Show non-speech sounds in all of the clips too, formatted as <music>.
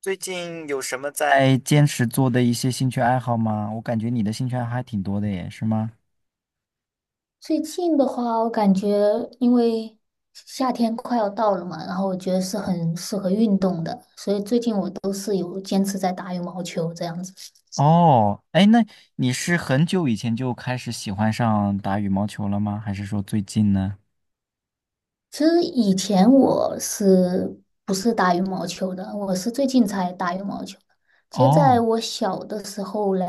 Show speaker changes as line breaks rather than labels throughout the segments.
最近有什么在坚持做的一些兴趣爱好吗？我感觉你的兴趣爱好还挺多的耶，是吗？
最近的话，我感觉因为夏天快要到了嘛，然后我觉得是很适合运动的，所以最近我都是有坚持在打羽毛球这样子。
哦，哎，那你是很久以前就开始喜欢上打羽毛球了吗？还是说最近呢？
其实以前我是不是打羽毛球的？我是最近才打羽毛球的。其实，在
哦，
我小的时候嘞，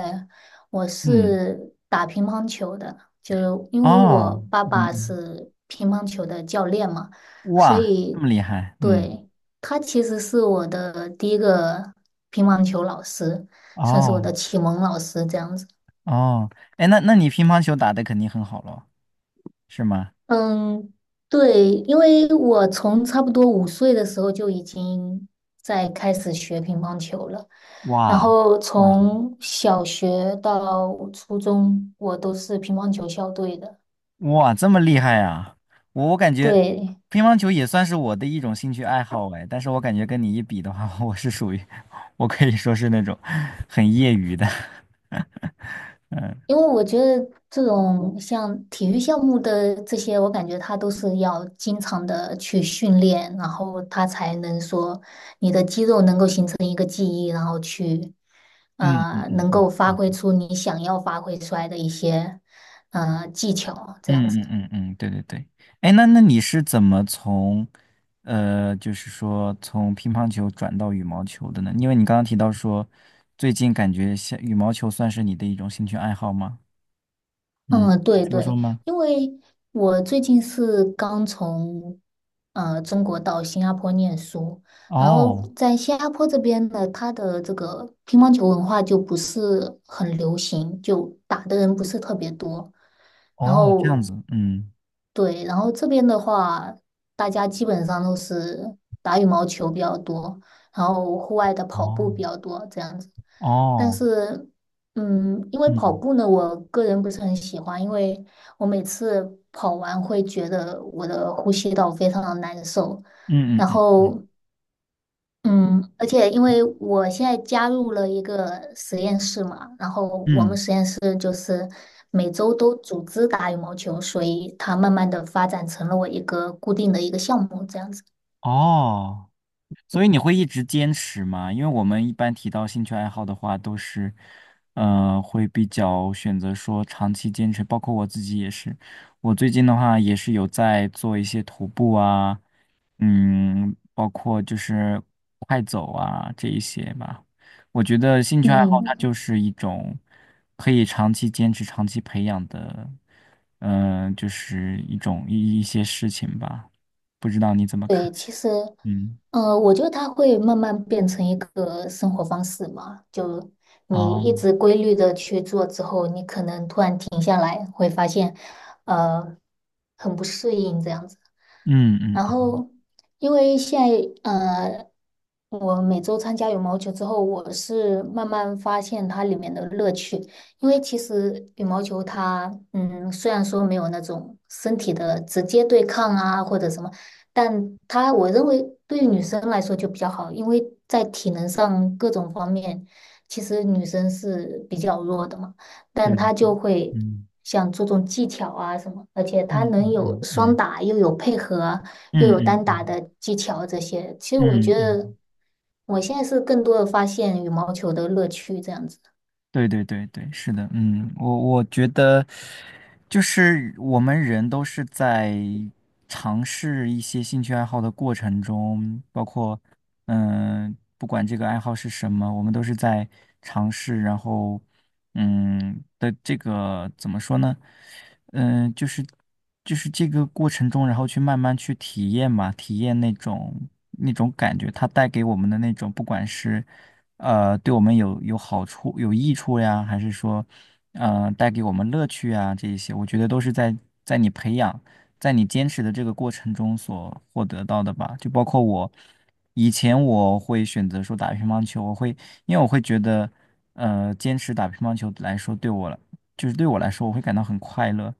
我
嗯，
是打乒乓球的，就因为我
哦，
爸爸
嗯，
是乒乓球的教练嘛，所
哇，这么
以
厉害，嗯，
对，他其实是我的第一个乒乓球老师，算是我
哦，
的启蒙老师这样子。
哦，哎，那你乒乓球打得肯定很好咯，是吗？
嗯，对，因为我从差不多5岁的时候就已经在开始学乒乓球了，然
哇，
后
嗯。
从小学到初中，我都是乒乓球校队的。
哇，这么厉害啊！我感觉
对，
乒乓球也算是我的一种兴趣爱好哎，但是我感觉跟你一比的话，我是属于，我可以说是那种很业余的。<laughs>
因为我觉得这种像体育项目的这些，我感觉他都是要经常的去训练，然后他才能说你的肌肉能够形成一个记忆，然后去
嗯嗯嗯
能
嗯
够发挥出你想要发挥出来的一些技巧，这样子。
嗯嗯嗯嗯，对对对。哎，那你是怎么从，就是说从乒乓球转到羽毛球的呢？因为你刚刚提到说，最近感觉像羽毛球算是你的一种兴趣爱好吗？嗯，
嗯，对
说说
对，
吗？
因为我最近是刚从中国到新加坡念书，然后
哦
在新加坡这边呢，它的这个乒乓球文化就不是很流行，就打的人不是特别多。
哦
然
哦这
后
样子，嗯。
对，然后这边的话，大家基本上都是打羽毛球比较多，然后户外的跑步
哦。
比较多这样子。但
哦，
是，嗯，因为跑
嗯
步呢，我个人不是很喜欢，因为我每次跑完会觉得我的呼吸道非常的难受，
嗯
然
嗯嗯
后。嗯，而且因为我现在加入了一个实验室嘛，然后我们
嗯，
实验室就是每周都组织打羽毛球，所以它慢慢的发展成了我一个固定的一个项目这样子。
哦，所以你会一直坚持吗？因为我们一般提到兴趣爱好的话，都是，会比较选择说长期坚持。包括我自己也是，我最近的话也是有在做一些徒步啊，嗯，包括就是快走啊这一些吧。我觉得兴趣爱好它
嗯。
就是一种可以长期坚持、长期培养的，就是一种一些事情吧。不知道你怎么看？
对，其实，
嗯，
我觉得它会慢慢变成一个生活方式嘛。就你一
哦。
直规律的去做之后，你可能突然停下来，会发现，呃，很不适应这样子。
嗯嗯
然
嗯，
后，因为现在，我每周参加羽毛球之后，我是慢慢发现它里面的乐趣。因为其实羽毛球它，嗯，虽然说没有那种身体的直接对抗啊，或者什么。但她我认为对于女生来说就比较好，因为在体能上各种方面，其实女生是比较弱的嘛，
对，
但她就会
嗯
想注重技巧啊什么，而且她
嗯
能有
嗯
双
嗯
打，又有配合，又
嗯
有
嗯
单打
嗯
的技巧这些。其实我觉
嗯嗯。
得
嗯
我现在是更多的发现羽毛球的乐趣这样子。
对对对对，是的，嗯，我觉得就是我们人都是在尝试一些兴趣爱好的过程中，包括不管这个爱好是什么，我们都是在尝试，然后的这个怎么说呢？就是这个过程中，然后去慢慢去体验嘛，体验那种感觉，它带给我们的那种，不管是。对我们有好处、有益处呀，还是说，带给我们乐趣啊，这一些，我觉得都是在你培养、在你坚持的这个过程中所获得到的吧。就包括我以前我会选择说打乒乓球，我会因为我会觉得，坚持打乒乓球来说，对我来就是对我来说，我会感到很快乐。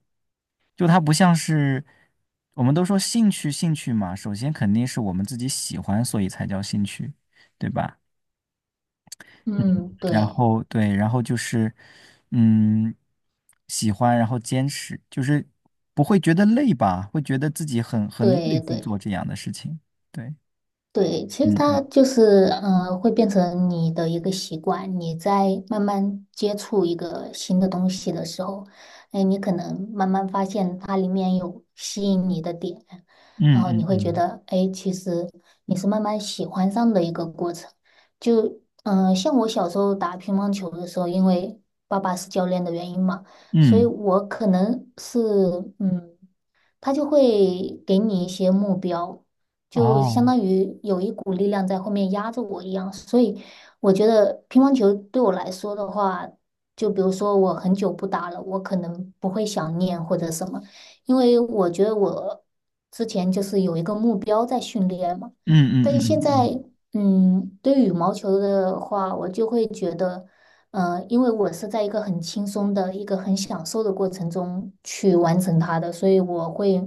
就它不像是我们都说兴趣，兴趣嘛，首先肯定是我们自己喜欢，所以才叫兴趣，对吧？嗯，
嗯，
然
对
后对，然后就是，嗯，喜欢，然后坚持，就是不会觉得累吧，会觉得自己很累
对
去
对。
做这样的事情。对，
对，其
嗯
实它
嗯
就是，嗯，会变成你的一个习惯。你在慢慢接触一个新的东西的时候，哎，你可能慢慢发现它里面有吸引你的点，
嗯
然后你
嗯
会觉
嗯
得，哎，其实你是慢慢喜欢上的一个过程。就，像我小时候打乒乓球的时候，因为爸爸是教练的原因嘛，所
嗯，
以我可能是，嗯。他就会给你一些目标，就相
哦，
当于有一股力量在后面压着我一样。所以我觉得乒乓球对我来说的话，就比如说我很久不打了，我可能不会想念或者什么，因为我觉得我之前就是有一个目标在训练嘛。
嗯
但
嗯
是现
嗯嗯
在，对于羽毛球的话，我就会觉得。呃，因为我是在一个很轻松的、一个很享受的过程中去完成它的，所以我会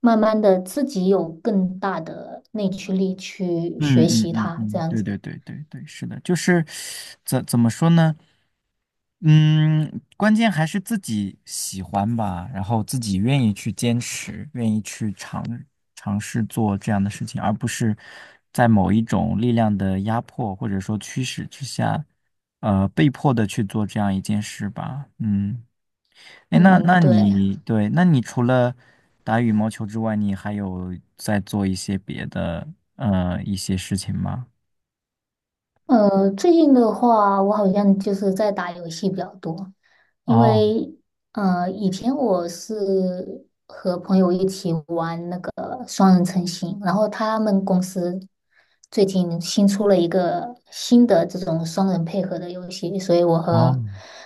慢慢的自己有更大的内驱力去学
嗯嗯
习
嗯嗯
它，这
嗯，
样
对
子。
对对对对，是的，就是怎么说呢？嗯，关键还是自己喜欢吧，然后自己愿意去坚持，愿意去尝试做这样的事情，而不是在某一种力量的压迫或者说驱使之下，被迫的去做这样一件事吧。嗯，哎，那
嗯，
那
对。
你对，那你除了打羽毛球之外，你还有在做一些别的一些事情吗？
呃，最近的话，我好像就是在打游戏比较多，因
哦
为以前我是和朋友一起玩那个双人成行，然后他们公司最近新出了一个新的这种双人配合的游戏，所以我
哦
和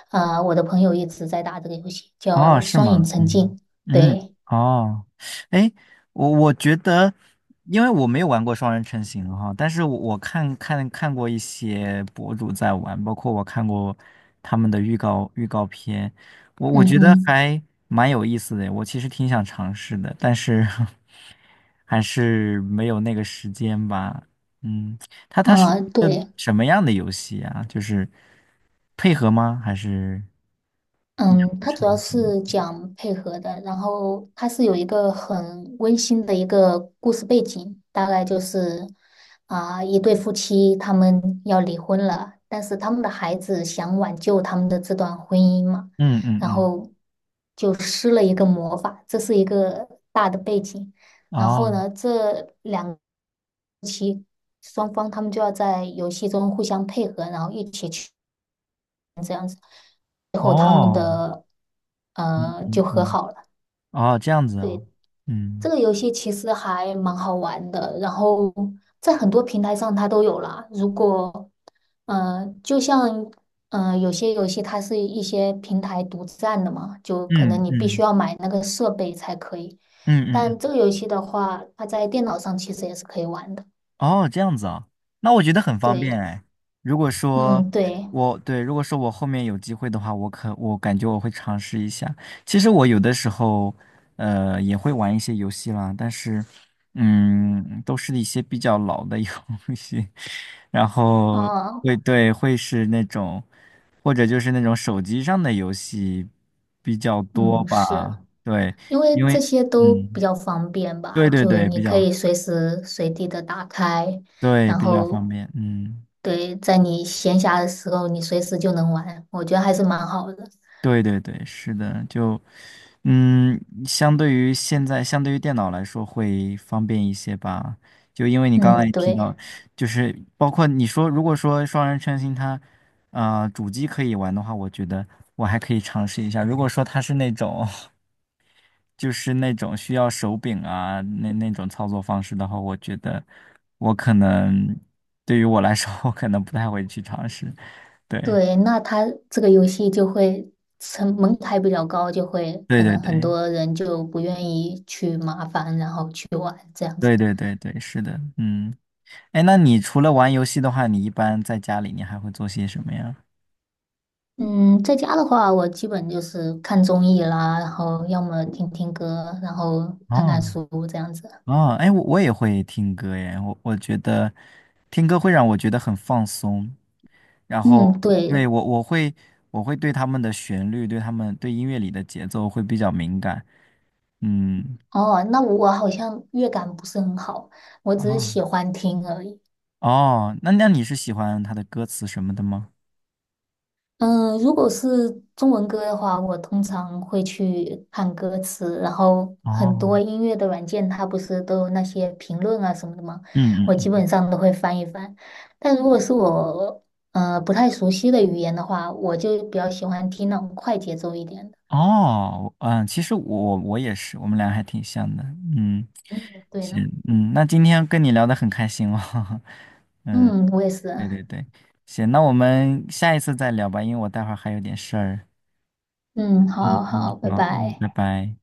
我的朋友一直在打这个游戏，叫
哦，是
《双
吗？
影成境》。
嗯嗯，
对，
哦，哎，我觉得，因为我没有玩过双人成行哈，但是我看过一些博主在玩，包括我看过他们的预告片，我
嗯
觉得
哼，
还蛮有意思的，我其实挺想尝试的，但是 <laughs> 还是没有那个时间吧。嗯，它是
啊、
一个
对。
什么样的游戏啊？就是配合吗？还是
嗯，它主要
成？
是讲配合的，然后它是有一个很温馨的一个故事背景，大概就是一对夫妻他们要离婚了，但是他们的孩子想挽救他们的这段婚姻嘛，
嗯嗯
然
嗯。
后就施了一个魔法，这是一个大的背景。然后
哦
呢，双方他们就要在游戏中互相配合，然后一起去，最后他们
哦，
的
嗯
就
嗯
和
嗯，
好了。
哦，这样子哦，
对，这
嗯
个游戏其实还蛮好玩的，然后在很多平台上它都有啦。如果，嗯，就像，嗯，有些游戏它是一些平台独占的嘛，就可能
嗯
你必须
嗯
要买那个设备才可以。
嗯嗯
但这
嗯，
个游戏的话，它在电脑上其实也是可以玩的。
哦，这样子啊，那我觉得很方便
对，
哎。如果说
嗯，对，
如果说我后面有机会的话，我感觉我会尝试一下。其实我有的时候，也会玩一些游戏啦，但是，嗯，都是一些比较老的游 <laughs> 戏，然后
哦，
会是那种，或者就是那种手机上的游戏比较多
嗯，是
吧，对，
因为
因
这
为
些都比
嗯，
较方便
对
吧，
对
就
对，
你可以随时随地的打开。然
比较方
后
便，嗯，
对，在你闲暇的时候，你随时就能玩，我觉得还是蛮好的。
对对对，是的，就嗯，相对于电脑来说会方便一些吧，就因为你刚才
嗯，
也提
对
到，就是包括你说如果说双人成行它。主机可以玩的话，我觉得我还可以尝试一下。如果说它是那种需要手柄啊，那种操作方式的话，我觉得我可能对于我来说，我可能不太会去尝试。对，
对，那它这个游戏就会成门槛比较高，就会
对
可
对
能很
对，
多人就不愿意去麻烦，然后去玩这样子。
对对对对，是的，嗯，哎，那你除了玩游戏的话，你一般在家里你还会做些什么呀？
嗯，在家的话，我基本就是看综艺啦，然后要么听听歌，然后看
哦
看书这样子。
哦，哎，我也会听歌耶，我觉得听歌会让我觉得很放松，然
嗯，
后
对。
对我会对他们的旋律，对他们对音乐里的节奏会比较敏感，嗯。
哦，那我好像乐感不是很好，我只是
哦
喜欢听而已。
哦，那你是喜欢他的歌词什么的吗？
嗯，如果是中文歌的话，我通常会去看歌词，然后很多
哦，
音乐的软件它不是都有那些评论啊什么的吗？
嗯嗯
我基
嗯，
本上都会翻一翻。但如果是我不太熟悉的语言的话，我就比较喜欢听那种快节奏一点的。
哦，嗯，其实我也是，我们俩还挺像的，嗯，
嗯，对
行，
呢。
嗯，那今天跟你聊的很开心哦，<laughs> 嗯，
嗯，我也是
对
啊。
对对，行，那我们下一次再聊吧，因为我待会儿还有点事儿，
嗯，
嗯
好好，
嗯，
拜
好，嗯，
拜。
拜拜。